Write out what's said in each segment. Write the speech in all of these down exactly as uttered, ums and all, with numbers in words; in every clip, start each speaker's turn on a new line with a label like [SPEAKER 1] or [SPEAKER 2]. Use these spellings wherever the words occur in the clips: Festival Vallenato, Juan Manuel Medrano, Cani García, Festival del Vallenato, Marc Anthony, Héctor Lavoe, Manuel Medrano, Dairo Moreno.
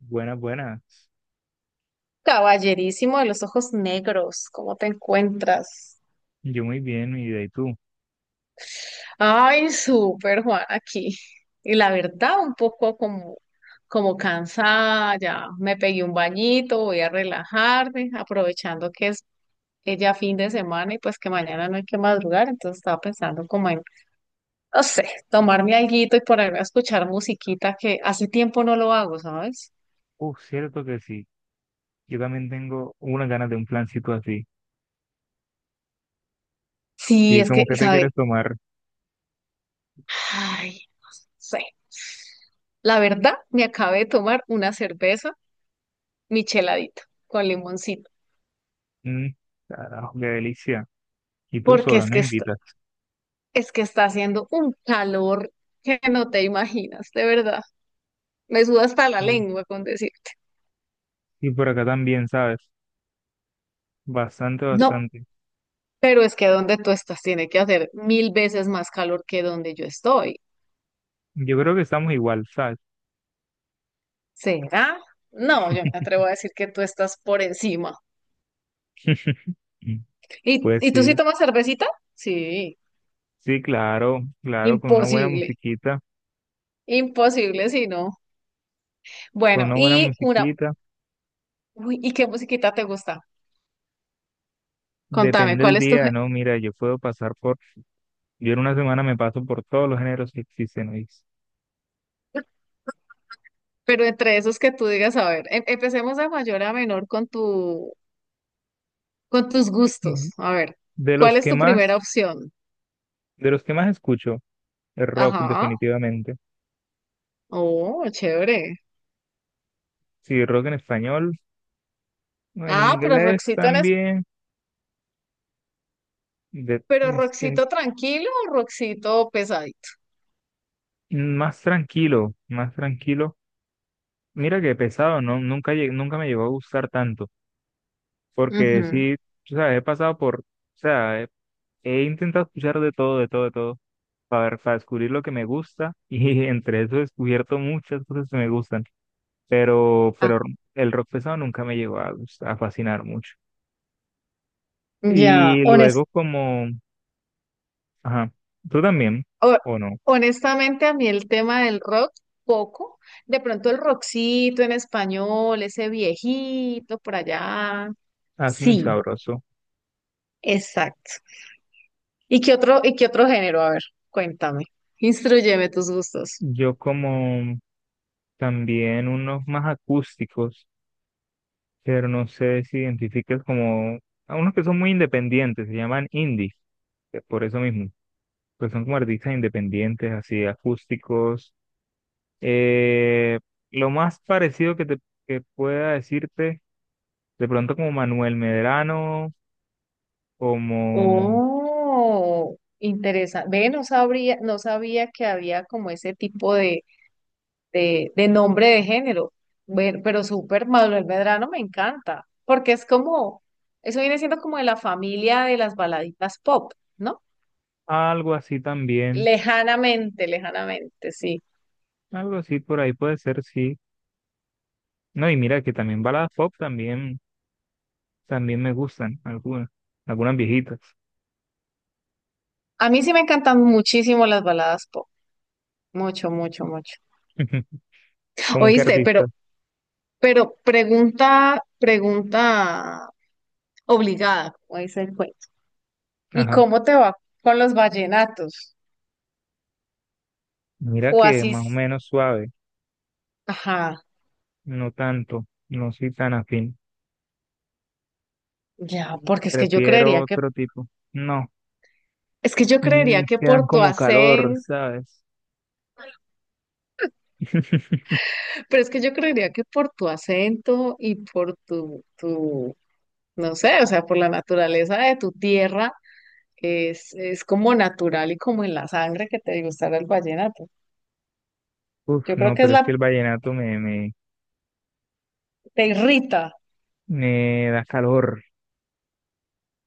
[SPEAKER 1] Buenas, buenas.
[SPEAKER 2] Caballerísimo de los ojos negros, ¿cómo te encuentras?
[SPEAKER 1] Yo muy bien, mi vida. ¿Y tú?
[SPEAKER 2] Ay, súper, Juan, aquí. Y la verdad, un poco como, como cansada, ya me pegué un bañito, voy a relajarme, aprovechando que es que ya fin de semana y pues que mañana no hay que madrugar, entonces estaba pensando como en, no sé, tomarme alguito y ponerme a escuchar musiquita que hace tiempo no lo hago, ¿sabes?
[SPEAKER 1] Uh, cierto que sí. Yo también tengo unas ganas de un plancito así.
[SPEAKER 2] Sí,
[SPEAKER 1] Sí,
[SPEAKER 2] es que,
[SPEAKER 1] como que te quieres tomar.
[SPEAKER 2] ¿sabes? Sí. La verdad, me acabé de tomar una cerveza micheladita con limoncito,
[SPEAKER 1] Mm, carajo, qué delicia. Y tú
[SPEAKER 2] porque
[SPEAKER 1] solo,
[SPEAKER 2] es
[SPEAKER 1] no
[SPEAKER 2] que está,
[SPEAKER 1] invitas.
[SPEAKER 2] es que está haciendo un calor que no te imaginas, de verdad. Me suda hasta la
[SPEAKER 1] Sí.
[SPEAKER 2] lengua con decirte.
[SPEAKER 1] Y por acá también, ¿sabes? Bastante,
[SPEAKER 2] No,
[SPEAKER 1] bastante.
[SPEAKER 2] pero es que donde tú estás tiene que hacer mil veces más calor que donde yo estoy.
[SPEAKER 1] Yo creo que estamos igual, ¿sabes?
[SPEAKER 2] ¿Será? No, yo me atrevo a decir que tú estás por encima. ¿Y,
[SPEAKER 1] Pues
[SPEAKER 2] y tú sí
[SPEAKER 1] sí,
[SPEAKER 2] tomas cervecita? Sí,
[SPEAKER 1] sí, claro, claro, con una buena
[SPEAKER 2] imposible,
[SPEAKER 1] musiquita,
[SPEAKER 2] imposible si no.
[SPEAKER 1] con
[SPEAKER 2] Bueno,
[SPEAKER 1] una buena
[SPEAKER 2] y una
[SPEAKER 1] musiquita.
[SPEAKER 2] Uy, ¿y qué musiquita te gusta? Contame,
[SPEAKER 1] Depende del
[SPEAKER 2] ¿cuál es tu
[SPEAKER 1] día,
[SPEAKER 2] gé-
[SPEAKER 1] ¿no? Mira, yo puedo pasar por, yo en una semana me paso por todos los géneros que existen, hoy.
[SPEAKER 2] pero entre esos que tú digas, a ver, em- empecemos de mayor a menor con tu, con tus gustos. A ver,
[SPEAKER 1] De
[SPEAKER 2] ¿cuál
[SPEAKER 1] los
[SPEAKER 2] es
[SPEAKER 1] que
[SPEAKER 2] tu primera
[SPEAKER 1] más,
[SPEAKER 2] opción?
[SPEAKER 1] de los que más escucho, el rock
[SPEAKER 2] Ajá.
[SPEAKER 1] definitivamente.
[SPEAKER 2] Oh, chévere.
[SPEAKER 1] Sí, rock en español, en
[SPEAKER 2] Ah, pero
[SPEAKER 1] inglés
[SPEAKER 2] Roxito en es,
[SPEAKER 1] también, de-
[SPEAKER 2] pero
[SPEAKER 1] es que
[SPEAKER 2] Roxito tranquilo o Roxito pesadito.
[SPEAKER 1] más tranquilo, más tranquilo. Mira que pesado, no, nunca lle- nunca me llegó a gustar tanto, porque
[SPEAKER 2] Ujú.
[SPEAKER 1] sí, tú sabes, he pasado por, o sea, he, he intentado escuchar de todo, de todo, de todo, para, para descubrir lo que me gusta, y entre eso he descubierto muchas cosas que me gustan, pero,
[SPEAKER 2] Ah,
[SPEAKER 1] pero el rock pesado nunca me llegó a gustar- a fascinar mucho.
[SPEAKER 2] ya,
[SPEAKER 1] Y
[SPEAKER 2] hones-
[SPEAKER 1] luego como, ajá, tú también,
[SPEAKER 2] ho-
[SPEAKER 1] o no,
[SPEAKER 2] honestamente a mí el tema del rock, poco. De pronto el Roxito en español, ese viejito por allá.
[SPEAKER 1] hace muy
[SPEAKER 2] Sí.
[SPEAKER 1] sabroso.
[SPEAKER 2] Exacto. ¿Y qué otro, y qué otro género? A ver, cuéntame. Instruyeme tus gustos.
[SPEAKER 1] Yo como también unos más acústicos, pero no sé si identificas como, a unos que son muy independientes, se llaman indie, que por eso mismo, pues son como artistas independientes, así acústicos. Eh, lo más parecido que te que pueda decirte, de pronto como Manuel Medrano, como
[SPEAKER 2] Oh, interesante. Ve, no sabría, no sabía que había como ese tipo de, de, de nombre de género. Bueno, pero súper, Manuel Medrano me encanta, porque es como, eso viene siendo como de la familia de las baladitas pop, ¿no?
[SPEAKER 1] algo así también.
[SPEAKER 2] Lejanamente, lejanamente, sí.
[SPEAKER 1] Algo así por ahí puede ser, sí. No, y mira que también baladas pop también, también me gustan, algunas, algunas viejitas.
[SPEAKER 2] A mí sí me encantan muchísimo las baladas pop. Mucho, mucho, mucho.
[SPEAKER 1] ¿Como que
[SPEAKER 2] Oíste, pero
[SPEAKER 1] artista?
[SPEAKER 2] Pero pregunta, pregunta obligada, como dice el cuento. ¿Y
[SPEAKER 1] Ajá.
[SPEAKER 2] cómo te va con los vallenatos?
[SPEAKER 1] Mira
[SPEAKER 2] O
[SPEAKER 1] que
[SPEAKER 2] así,
[SPEAKER 1] más o
[SPEAKER 2] s-
[SPEAKER 1] menos suave,
[SPEAKER 2] ajá,
[SPEAKER 1] no tanto, no soy tan afín.
[SPEAKER 2] ya, porque es que yo
[SPEAKER 1] Prefiero
[SPEAKER 2] creería que,
[SPEAKER 1] otro tipo. No,
[SPEAKER 2] es que yo
[SPEAKER 1] mm,
[SPEAKER 2] creería que
[SPEAKER 1] quedan
[SPEAKER 2] por tu
[SPEAKER 1] como calor,
[SPEAKER 2] acento,
[SPEAKER 1] ¿sabes?
[SPEAKER 2] pero es que yo creería que por tu acento y por tu, tu, no sé, o sea, por la naturaleza de tu tierra, es, es como natural y como en la sangre que te gustará el vallenato.
[SPEAKER 1] Uf,
[SPEAKER 2] Yo creo
[SPEAKER 1] no,
[SPEAKER 2] que es
[SPEAKER 1] pero es que
[SPEAKER 2] la,
[SPEAKER 1] el vallenato me, me,
[SPEAKER 2] te irrita.
[SPEAKER 1] me da calor.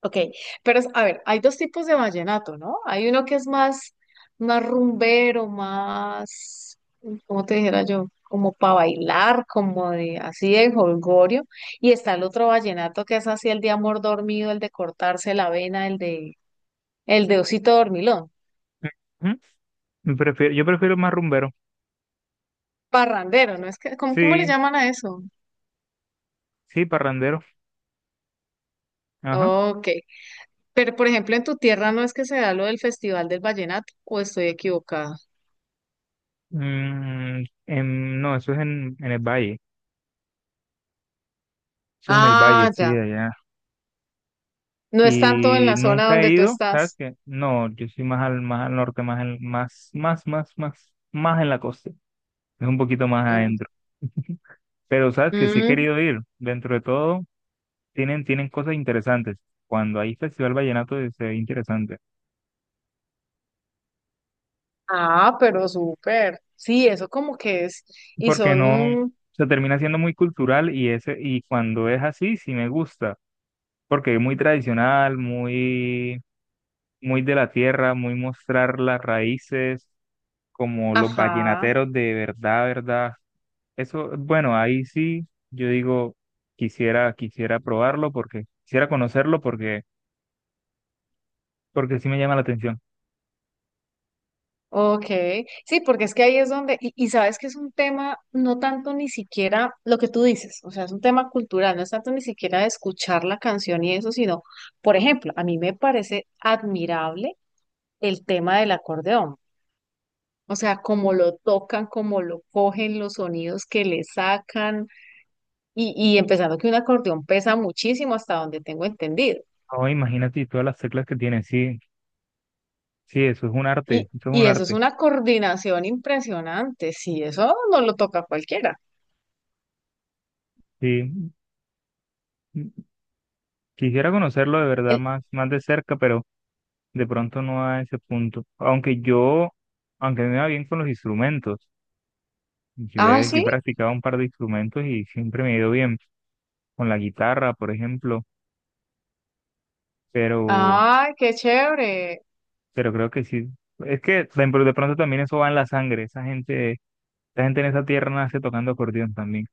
[SPEAKER 2] Ok, pero a ver, hay dos tipos de vallenato, ¿no? Hay uno que es más, más rumbero, más, ¿cómo te dijera yo? Como para bailar, como de así de jolgorio. Y está el otro vallenato que es así el de amor dormido, el de cortarse la vena, el de, el de osito dormilón.
[SPEAKER 1] ¿Mm? Prefiero, yo prefiero más rumbero.
[SPEAKER 2] Parrandero, ¿no? Es que, ¿cómo, cómo le
[SPEAKER 1] Sí,
[SPEAKER 2] llaman a eso?
[SPEAKER 1] sí, parrandero. Ajá.
[SPEAKER 2] Ok, pero por ejemplo en tu tierra no es que se da lo del Festival del Vallenato, o estoy equivocada.
[SPEAKER 1] Mm, en- no, eso es en, en el valle, eso es en el valle,
[SPEAKER 2] Ah,
[SPEAKER 1] sí,
[SPEAKER 2] ya.
[SPEAKER 1] de allá.
[SPEAKER 2] No es tanto en
[SPEAKER 1] Y
[SPEAKER 2] la zona
[SPEAKER 1] nunca he
[SPEAKER 2] donde tú
[SPEAKER 1] ido, ¿sabes
[SPEAKER 2] estás.
[SPEAKER 1] qué? No, yo soy más al, más al norte, más, en- más, más, más, más, más en la costa, es un poquito más
[SPEAKER 2] Mm,
[SPEAKER 1] adentro. Pero, ¿sabes que Sí he
[SPEAKER 2] mm.
[SPEAKER 1] querido ir, dentro de todo, tienen, tienen cosas interesantes. Cuando hay Festival Vallenato eh, se ve interesante,
[SPEAKER 2] Ah, pero súper. Sí, eso como que es. Y
[SPEAKER 1] porque
[SPEAKER 2] son
[SPEAKER 1] no,
[SPEAKER 2] un...
[SPEAKER 1] se termina siendo muy cultural y, ese, y cuando es así, sí me gusta, porque es muy tradicional, muy muy de la tierra, muy mostrar las raíces, como los
[SPEAKER 2] Ajá,
[SPEAKER 1] vallenateros de verdad, verdad. Eso, bueno, ahí sí, yo digo, quisiera, quisiera probarlo porque, quisiera conocerlo porque, porque sí me llama la atención.
[SPEAKER 2] ok. Sí, porque es que ahí es donde... Y, y sabes que es un tema, no tanto ni siquiera lo que tú dices, o sea, es un tema cultural, no es tanto ni siquiera de escuchar la canción y eso, sino, por ejemplo, a mí me parece admirable el tema del acordeón. O sea, cómo lo tocan, cómo lo cogen, los sonidos que le sacan, y, y empezando que un acordeón pesa muchísimo hasta donde tengo entendido.
[SPEAKER 1] Oh, imagínate todas las teclas que tiene, sí, sí, eso es un arte,
[SPEAKER 2] Y,
[SPEAKER 1] eso es
[SPEAKER 2] y
[SPEAKER 1] un
[SPEAKER 2] eso es
[SPEAKER 1] arte.
[SPEAKER 2] una coordinación impresionante. Sí, eso no lo toca a cualquiera.
[SPEAKER 1] Sí, mm, quisiera conocerlo de verdad
[SPEAKER 2] El,
[SPEAKER 1] más, más de cerca, pero de pronto no a ese punto. Aunque yo, aunque me va bien con los instrumentos. Yo
[SPEAKER 2] ah,
[SPEAKER 1] he, yo he
[SPEAKER 2] sí.
[SPEAKER 1] practicado un par de instrumentos y siempre me ha ido bien, con la guitarra, por ejemplo, pero,
[SPEAKER 2] Ay, qué chévere.
[SPEAKER 1] pero creo que sí. Es que de, pr- de pronto también eso va en la sangre, esa gente, esa gente en esa tierra nace tocando acordeón también.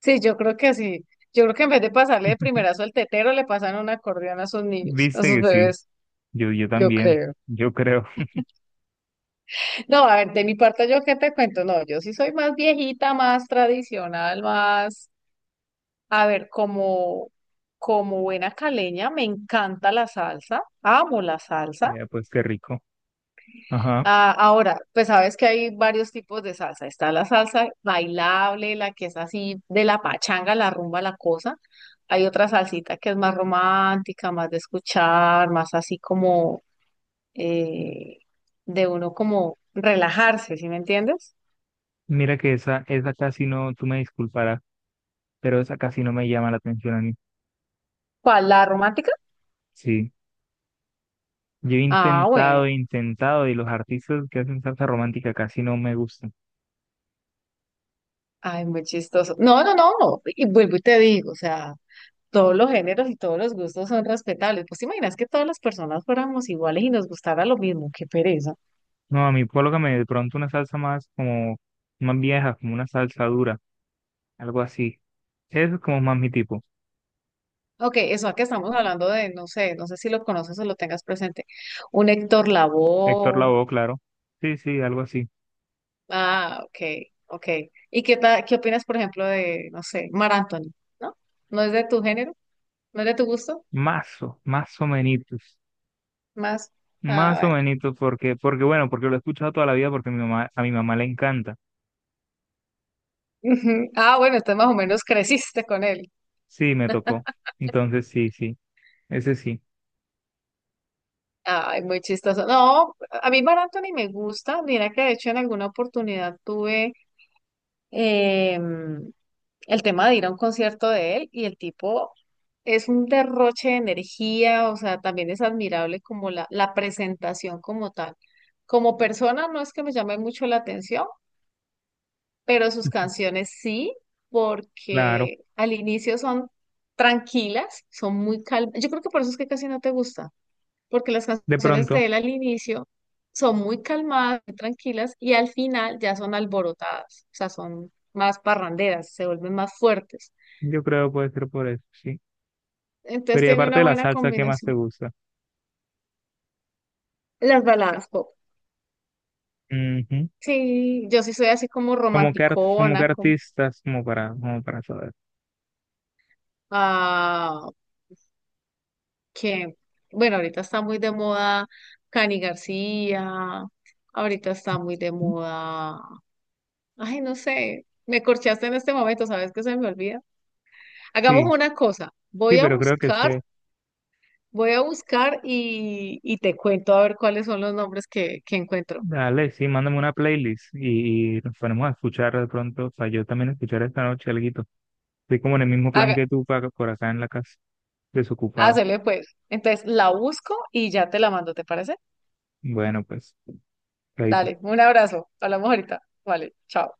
[SPEAKER 2] Sí, yo creo que sí. Yo creo que en vez de pasarle de primerazo al tetero, le pasan un acordeón a sus niños, a
[SPEAKER 1] Viste
[SPEAKER 2] sus
[SPEAKER 1] que sí,
[SPEAKER 2] bebés.
[SPEAKER 1] yo, yo
[SPEAKER 2] Yo
[SPEAKER 1] también,
[SPEAKER 2] creo.
[SPEAKER 1] yo creo.
[SPEAKER 2] No, a ver, de mi parte, ¿yo qué te cuento? No, yo sí soy más viejita, más tradicional, más, a ver, como, como buena caleña, me encanta la salsa, amo la salsa.
[SPEAKER 1] Eh, pues qué rico. Ajá.
[SPEAKER 2] Ah, ahora, pues sabes que hay varios tipos de salsa. Está la salsa bailable, la que es así de la pachanga, la rumba, la cosa. Hay otra salsita que es más romántica, más de escuchar, más así como eh, de uno como relajarse, ¿sí me entiendes?
[SPEAKER 1] Mira que esa, esa casi no, tú me disculparás, pero esa casi no me llama la atención a mí.
[SPEAKER 2] ¿Cuál? ¿La romántica?
[SPEAKER 1] Sí. Yo he
[SPEAKER 2] Ah,
[SPEAKER 1] intentado,
[SPEAKER 2] bueno.
[SPEAKER 1] he intentado, y los artistas que hacen salsa romántica casi no me gustan.
[SPEAKER 2] Ay, muy chistoso. No, no, no, no. Y vuelvo y te digo, o sea, todos los géneros y todos los gustos son respetables. Pues te imaginas que todas las personas fuéramos iguales y nos gustara lo mismo. Qué pereza.
[SPEAKER 1] No, a mí colócame de pronto una salsa más como más vieja, como una salsa dura, algo así. Eso es como más mi tipo.
[SPEAKER 2] Ok, eso que estamos hablando de, no sé, no sé si lo conoces o lo tengas presente. Un Héctor
[SPEAKER 1] Héctor
[SPEAKER 2] Lavoe.
[SPEAKER 1] Lavoe, claro. Sí, sí, algo así.
[SPEAKER 2] Ah, ok, ok. ¿Y qué ta- qué opinas, por ejemplo, de, no sé, Mar Anthony? ¿No? ¿No es de tu género? ¿No es de tu gusto?
[SPEAKER 1] Mazo, más o menitos.
[SPEAKER 2] Más. Ah,
[SPEAKER 1] Más o
[SPEAKER 2] bueno.
[SPEAKER 1] menitos, porque, porque bueno, porque lo he escuchado toda la vida porque mi mamá, a mi mamá le encanta.
[SPEAKER 2] Ujú. Ah, bueno, entonces más o menos creciste con él.
[SPEAKER 1] Sí, me tocó. Entonces, sí, sí, ese sí,
[SPEAKER 2] Ay, muy chistoso. No, a mí Mar Anthony me gusta. Mira que de hecho en alguna oportunidad tuve, em, el tema de ir a un concierto de él y el tipo es un derroche de energía, o sea, también es admirable como la, la presentación como tal. Como persona no es que me llame mucho la atención, pero sus canciones sí,
[SPEAKER 1] claro.
[SPEAKER 2] porque al inicio son tranquilas, son muy calmas. Yo creo que por eso es que casi no te gusta, porque las
[SPEAKER 1] De
[SPEAKER 2] canciones
[SPEAKER 1] pronto,
[SPEAKER 2] de él al inicio son muy calmadas, muy tranquilas, y al final ya son alborotadas, o sea, son más parranderas, se vuelven más fuertes.
[SPEAKER 1] yo creo puede ser por eso, sí.
[SPEAKER 2] Entonces
[SPEAKER 1] Pero y
[SPEAKER 2] tiene
[SPEAKER 1] aparte
[SPEAKER 2] una
[SPEAKER 1] de la
[SPEAKER 2] buena
[SPEAKER 1] salsa, ¿qué más te
[SPEAKER 2] combinación.
[SPEAKER 1] gusta?
[SPEAKER 2] Las baladas pop.
[SPEAKER 1] Ujú.
[SPEAKER 2] Sí, yo sí soy así como
[SPEAKER 1] Como que, ar- como que
[SPEAKER 2] romanticona, como,
[SPEAKER 1] artistas, como para, como para saber.
[SPEAKER 2] ah, que, bueno, ahorita está muy de moda Cani García, ahorita está muy de moda, ay, no sé, me corchaste en este momento, ¿sabes qué se me olvida? Hagamos
[SPEAKER 1] Sí.
[SPEAKER 2] una cosa,
[SPEAKER 1] Sí,
[SPEAKER 2] voy a
[SPEAKER 1] pero creo que
[SPEAKER 2] buscar,
[SPEAKER 1] sé.
[SPEAKER 2] voy a buscar y, y te cuento a ver cuáles son los nombres que, que encuentro.
[SPEAKER 1] Dale, sí, mándame una playlist y, y nos ponemos a escuchar de pronto. O sea, yo también escuchar esta noche alguito. Estoy como en el mismo plan
[SPEAKER 2] Haga,
[SPEAKER 1] que tú pa- por acá en la casa, desocupado.
[SPEAKER 2] hácele pues. Entonces la busco y ya te la mando, ¿te parece?
[SPEAKER 1] Bueno, pues, chaito.
[SPEAKER 2] Dale, un abrazo. Hablamos ahorita. Vale, chao.